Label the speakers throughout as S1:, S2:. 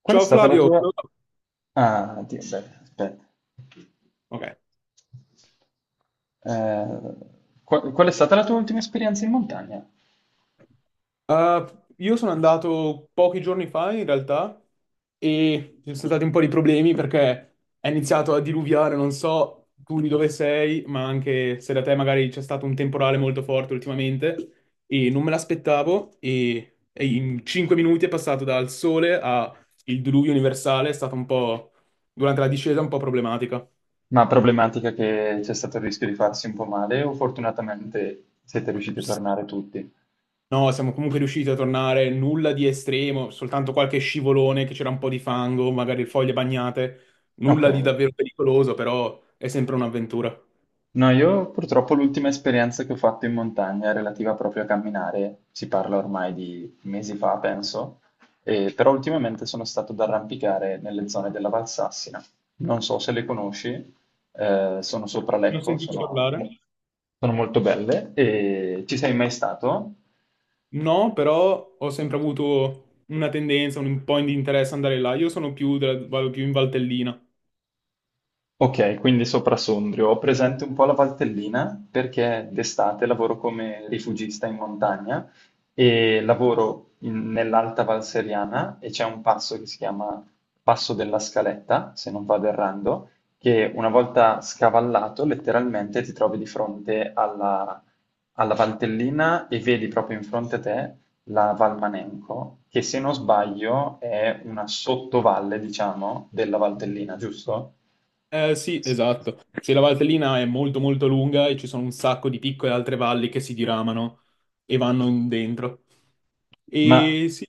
S1: Qual è
S2: Ciao
S1: stata la
S2: Flavio.
S1: tua. Ah, Dio, beh, aspetta.
S2: Ok.
S1: Eh, qual è stata la tua ultima esperienza in montagna?
S2: Io sono andato pochi giorni fa in realtà e ci sono stati un po' di problemi perché è iniziato a diluviare, non so tu di dove sei, ma anche se da te magari c'è stato un temporale molto forte ultimamente e non me l'aspettavo e in 5 minuti è passato dal sole al diluvio universale, è stata un po' durante la discesa un po' problematica.
S1: Ma problematica, che c'è stato il rischio di farsi un po' male o fortunatamente siete riusciti a tornare tutti?
S2: No, siamo comunque riusciti a tornare, nulla di estremo, soltanto qualche scivolone che c'era un po' di fango, magari foglie bagnate,
S1: Ok.
S2: nulla di davvero pericoloso, però è sempre un'avventura.
S1: No, io purtroppo l'ultima esperienza che ho fatto in montagna è relativa proprio a camminare, si parla ormai di mesi fa, penso, però ultimamente sono stato ad arrampicare nelle zone della Valsassina. Non so se le conosci, sono sopra
S2: Non ho
S1: Lecco,
S2: sentito parlare?
S1: sono molto belle. E ci sei mai stato?
S2: No, però ho sempre avuto una tendenza, un po' di interesse ad andare là. Io sono più, vado più in Valtellina.
S1: Ok, quindi sopra Sondrio. Ho presente un po' la Valtellina perché d'estate lavoro come rifugista in montagna e lavoro nell'Alta Val Seriana e c'è un passo che si chiama Passo della Scaletta, se non vado errando, che una volta scavallato letteralmente ti trovi di fronte alla, alla Valtellina e vedi proprio in fronte a te la Val Manenco, che se non sbaglio è una sottovalle, diciamo, della Valtellina, giusto?
S2: Eh sì, esatto. Sì, la Valtellina è molto molto lunga e ci sono un sacco di piccole altre valli che si diramano e vanno in dentro.
S1: Ma
S2: E sì.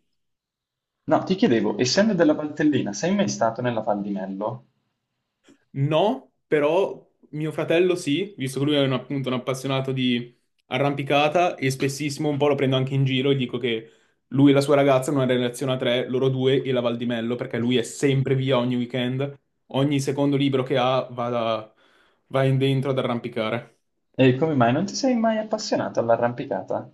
S1: no, ti chiedevo, essendo della Valtellina, sei mai stato nella Val di Mello?
S2: No, però mio fratello sì, visto che lui è un, appunto un appassionato di arrampicata e spessissimo un po' lo prendo anche in giro e dico che lui e la sua ragazza hanno una relazione a tre, loro due e la Val di Mello, perché lui è sempre via ogni weekend, ogni secondo libro che ha va, va in dentro ad arrampicare.
S1: E come mai non ti sei mai appassionato all'arrampicata?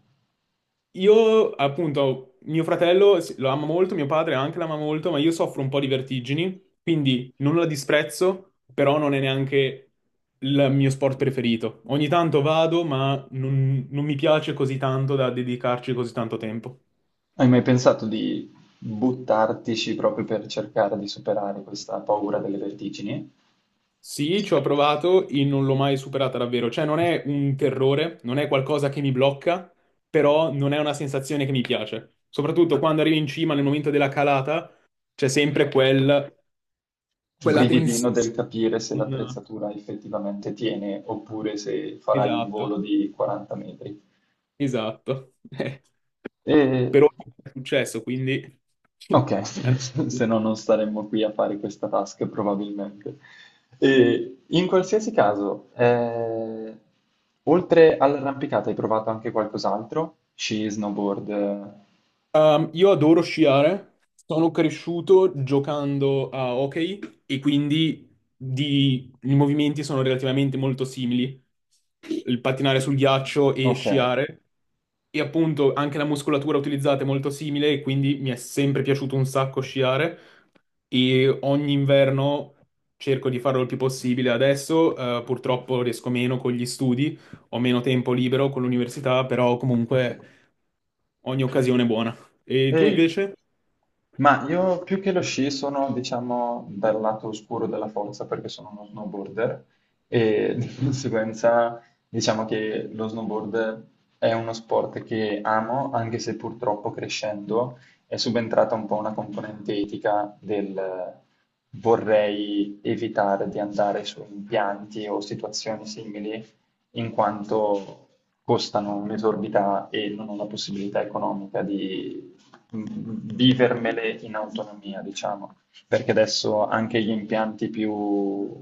S2: Io, appunto, mio fratello sì, lo ama molto, mio padre anche l'ama molto, ma io soffro un po' di vertigini, quindi non la disprezzo, però non è neanche il mio sport preferito. Ogni tanto vado, ma non, non mi piace così tanto da dedicarci così tanto tempo.
S1: Hai mai pensato di buttartici proprio per cercare di superare questa paura delle vertigini?
S2: Sì, ci ho provato e non l'ho mai superata davvero, cioè non è un terrore, non è qualcosa che mi blocca, però non è una sensazione che mi piace. Soprattutto quando arrivi in cima nel momento della calata, c'è sempre quel... quella
S1: Brividino
S2: tensione.
S1: del capire se
S2: Un-
S1: l'attrezzatura effettivamente tiene oppure se farai un
S2: Esatto,
S1: volo di 40 metri.
S2: esatto.
S1: E
S2: Però è successo, quindi...
S1: Ok,
S2: è andato.
S1: se no non staremmo qui a fare questa task probabilmente. E in qualsiasi caso, oltre all'arrampicata hai provato anche qualcos'altro? Sci, snowboard?
S2: Io adoro sciare, sono cresciuto giocando a hockey e quindi i movimenti sono relativamente molto simili, il pattinare sul ghiaccio e
S1: Ok,
S2: sciare e appunto anche la muscolatura utilizzata è molto simile e quindi mi è sempre piaciuto un sacco sciare e ogni inverno cerco di farlo il più possibile. Adesso purtroppo riesco meno con gli studi, ho meno tempo libero con l'università, però
S1: ok.
S2: comunque ogni occasione è buona. E tu
S1: E-
S2: invece?
S1: ma io, più che lo sci, sono, diciamo, dal lato oscuro della forza, perché sono uno snowboarder e di conseguenza diciamo che lo snowboard è uno sport che amo, anche se purtroppo, crescendo, è subentrata un po' una componente etica del vorrei evitare di andare su impianti o situazioni simili, in quanto costano un'esorbità e non ho la possibilità economica di vivermele in autonomia, diciamo, perché adesso anche gli impianti più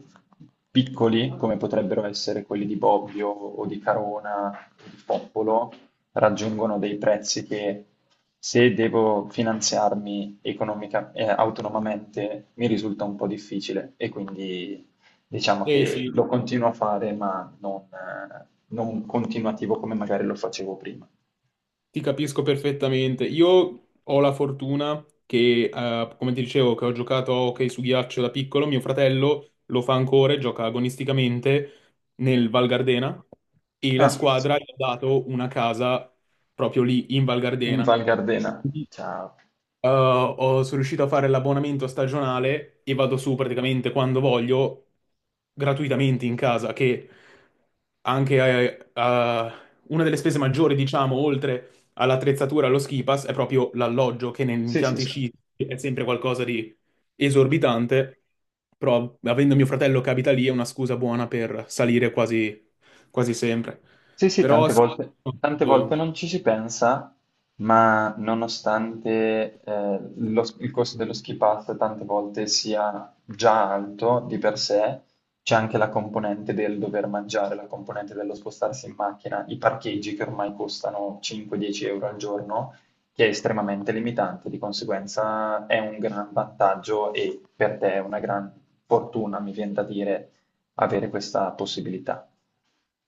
S1: piccoli, come potrebbero essere quelli di Bobbio o di Carona o di Popolo, raggiungono dei prezzi che, se devo finanziarmi autonomamente, mi risulta un po' difficile, e quindi diciamo
S2: Eh
S1: che
S2: sì,
S1: lo continuo a fare, ma non, non continuativo come magari lo facevo prima.
S2: ti capisco perfettamente. Io ho la fortuna che, come ti dicevo, che ho giocato a hockey su ghiaccio da piccolo, mio fratello lo fa ancora e gioca agonisticamente nel Val Gardena e la
S1: Ah,
S2: squadra gli ha dato una casa proprio lì in Val
S1: in
S2: Gardena.
S1: Val Gardena. Ciao.
S2: Sono riuscito a fare l'abbonamento stagionale e vado su praticamente quando voglio, gratuitamente in casa, che anche una delle spese maggiori, diciamo, oltre all'attrezzatura, allo ski pass, è proprio l'alloggio, che negli
S1: Sì, sì,
S2: impianti
S1: sì.
S2: sci è sempre qualcosa di esorbitante, però avendo mio fratello che abita lì è una scusa buona per salire quasi, quasi sempre.
S1: Sì, sì,
S2: Però
S1: tante
S2: sì.
S1: però volte, tante volte non ci si pensa, ma nonostante il costo dello ski pass tante volte sia già alto di per sé, c'è anche la componente del dover mangiare, la componente dello spostarsi in macchina, i parcheggi che ormai costano 5-10 euro al giorno, che è estremamente limitante. Di conseguenza è un gran vantaggio, e per te è una gran fortuna, mi viene da dire, avere questa possibilità.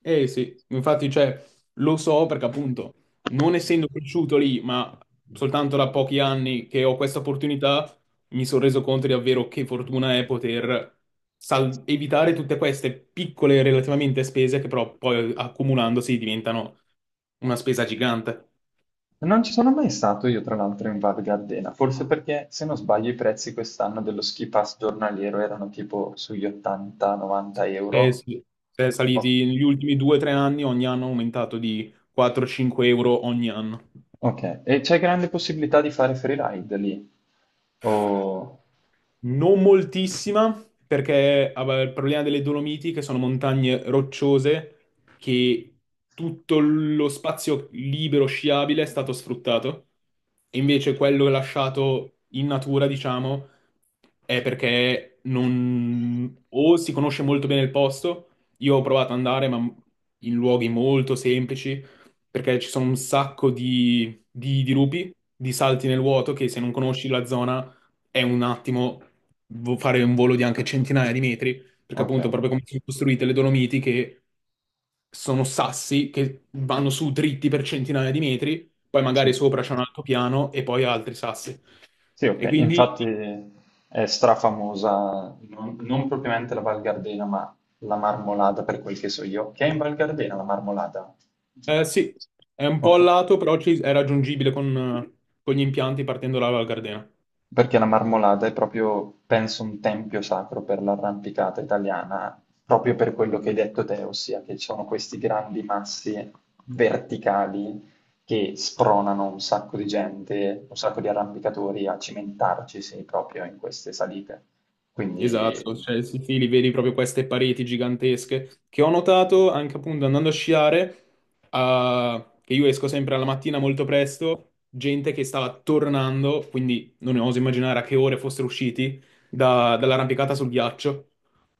S2: Eh sì, infatti, cioè, lo so perché appunto, non essendo cresciuto lì, ma soltanto da pochi anni che ho questa opportunità, mi sono reso conto di davvero che fortuna è poter evitare tutte queste piccole relativamente spese che però poi accumulandosi diventano una spesa gigante.
S1: Non ci sono mai stato io, tra l'altro, in Val Gardena, forse perché, se non sbaglio, i prezzi quest'anno dello ski pass giornaliero erano tipo sugli
S2: Sì.
S1: 80-90
S2: Eh
S1: euro.
S2: sì, è
S1: Oh,
S2: saliti negli ultimi due o tre anni, ogni anno è aumentato di 4-5 euro ogni anno.
S1: ok, e c'è grande possibilità di fare freeride lì? Oh,
S2: Non moltissima, perché vabbè, il problema delle Dolomiti, che sono montagne rocciose, che tutto lo spazio libero sciabile è stato sfruttato, e invece quello lasciato in natura, diciamo, è perché non... o si conosce molto bene il posto, io ho provato ad andare, ma in luoghi molto semplici, perché ci sono un sacco di dirupi, di salti nel vuoto, che se non conosci la zona è un attimo fare un volo di anche centinaia di metri, perché
S1: ok,
S2: appunto proprio come sono costruite le Dolomiti che sono sassi che vanno su dritti per centinaia di metri, poi
S1: sì.
S2: magari sopra c'è un altopiano e poi altri sassi.
S1: Sì,
S2: E
S1: ok,
S2: quindi
S1: infatti è strafamosa, non propriamente la Val Gardena, ma la Marmolada, per quel che so io. Che è in Val Gardena la Marmolada?
S2: sì, è un po' a
S1: Ok.
S2: lato, però è raggiungibile con gli impianti partendo dalla Val Gardena.
S1: Perché la Marmolada è proprio, penso, un tempio sacro per l'arrampicata italiana, proprio per quello che hai detto te, ossia che ci sono questi grandi massi verticali che spronano un sacco di gente, un sacco di arrampicatori a cimentarcisi proprio in queste salite. Quindi
S2: Esatto, cioè sì, sì, li vedi proprio queste pareti gigantesche che ho notato anche appunto andando a sciare, ah, che io esco sempre alla mattina molto presto, gente che stava tornando, quindi non oso immaginare a che ore fossero usciti dall'arrampicata sul ghiaccio,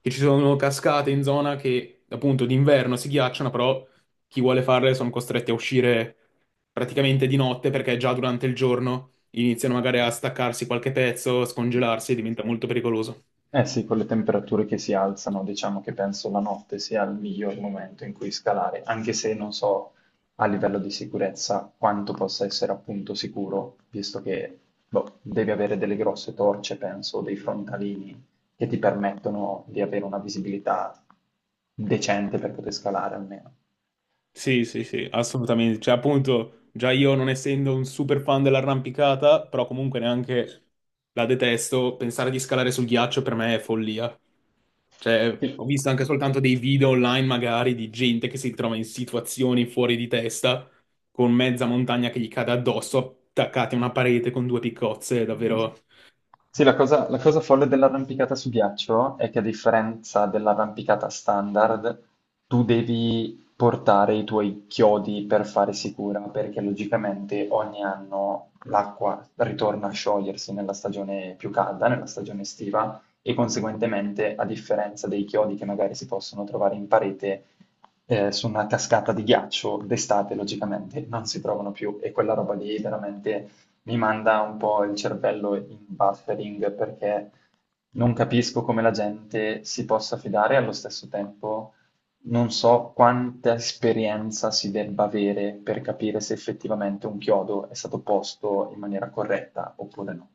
S2: che ci sono cascate in zona che appunto d'inverno si ghiacciano, però chi vuole farle sono costretti a uscire praticamente di notte perché già durante il giorno iniziano magari a staccarsi qualche pezzo, a scongelarsi e diventa molto pericoloso.
S1: Eh sì, con le temperature che si alzano, diciamo che penso la notte sia il miglior momento in cui scalare, anche se non so a livello di sicurezza quanto possa essere appunto sicuro, visto che, boh, devi avere delle grosse torce, penso, o dei frontalini che ti permettono di avere una visibilità decente per poter scalare almeno.
S2: Sì, sì, sì, assolutamente. Cioè, appunto, già io non essendo un super fan dell'arrampicata, però comunque neanche la detesto, pensare di scalare sul ghiaccio per me è follia. Cioè, ho
S1: Sì.
S2: visto anche soltanto dei video online, magari, di gente che si trova in situazioni fuori di testa, con mezza montagna che gli cade addosso, attaccati a una parete con due piccozze, è davvero.
S1: Sì, la cosa folle dell'arrampicata su ghiaccio è che, a differenza dell'arrampicata standard, tu devi portare i tuoi chiodi per fare sicura, perché logicamente ogni anno l'acqua ritorna a sciogliersi nella stagione più calda, nella stagione estiva, e conseguentemente, a differenza dei chiodi che magari si possono trovare in parete, su una cascata di ghiaccio d'estate logicamente non si trovano più, e quella roba lì veramente mi manda un po' il cervello in buffering, perché non capisco come la gente si possa fidare, e allo stesso tempo non so quanta esperienza si debba avere per capire se effettivamente un chiodo è stato posto in maniera corretta oppure no.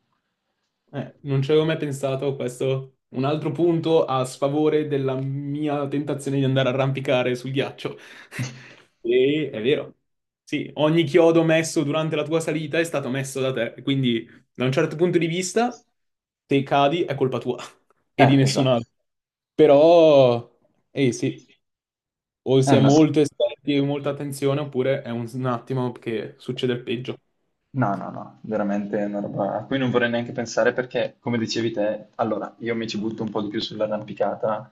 S2: Non ci avevo mai pensato, questo un altro punto a sfavore della mia tentazione di andare a arrampicare sul ghiaccio. E è vero. Sì, ogni chiodo messo durante la tua salita è stato messo da te, quindi da un certo punto di vista, se cadi è colpa tua e di nessun
S1: Esatto.
S2: altro. Però, eh sì, o si è
S1: No.
S2: molto esperti e molta attenzione, oppure è un attimo che succede il peggio.
S1: No, no, no, veramente è una roba a cui non vorrei neanche pensare, perché, come dicevi te, allora io mi ci butto un po' di più sull'arrampicata,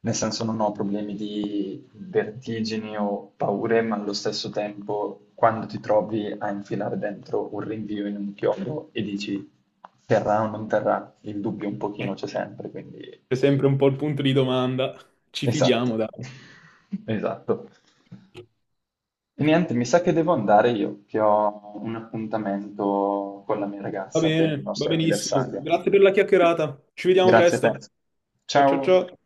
S1: nel senso non ho problemi di vertigini o paure, ma allo stesso tempo quando ti trovi a infilare dentro un rinvio in un chiodo e dici terrà o non terrà, il dubbio un pochino
S2: Eh,
S1: c'è sempre, quindi
S2: c'è sempre un po' il punto di domanda. Ci
S1: esatto,
S2: fidiamo, dai.
S1: esatto. E niente, mi sa che devo andare io, che ho un appuntamento con la mia
S2: Va
S1: ragazza per il
S2: bene, va
S1: nostro
S2: benissimo.
S1: anniversario.
S2: Grazie per la chiacchierata. Ci vediamo
S1: Grazie a
S2: presto.
S1: te.
S2: Ciao ciao
S1: Ciao.
S2: ciao.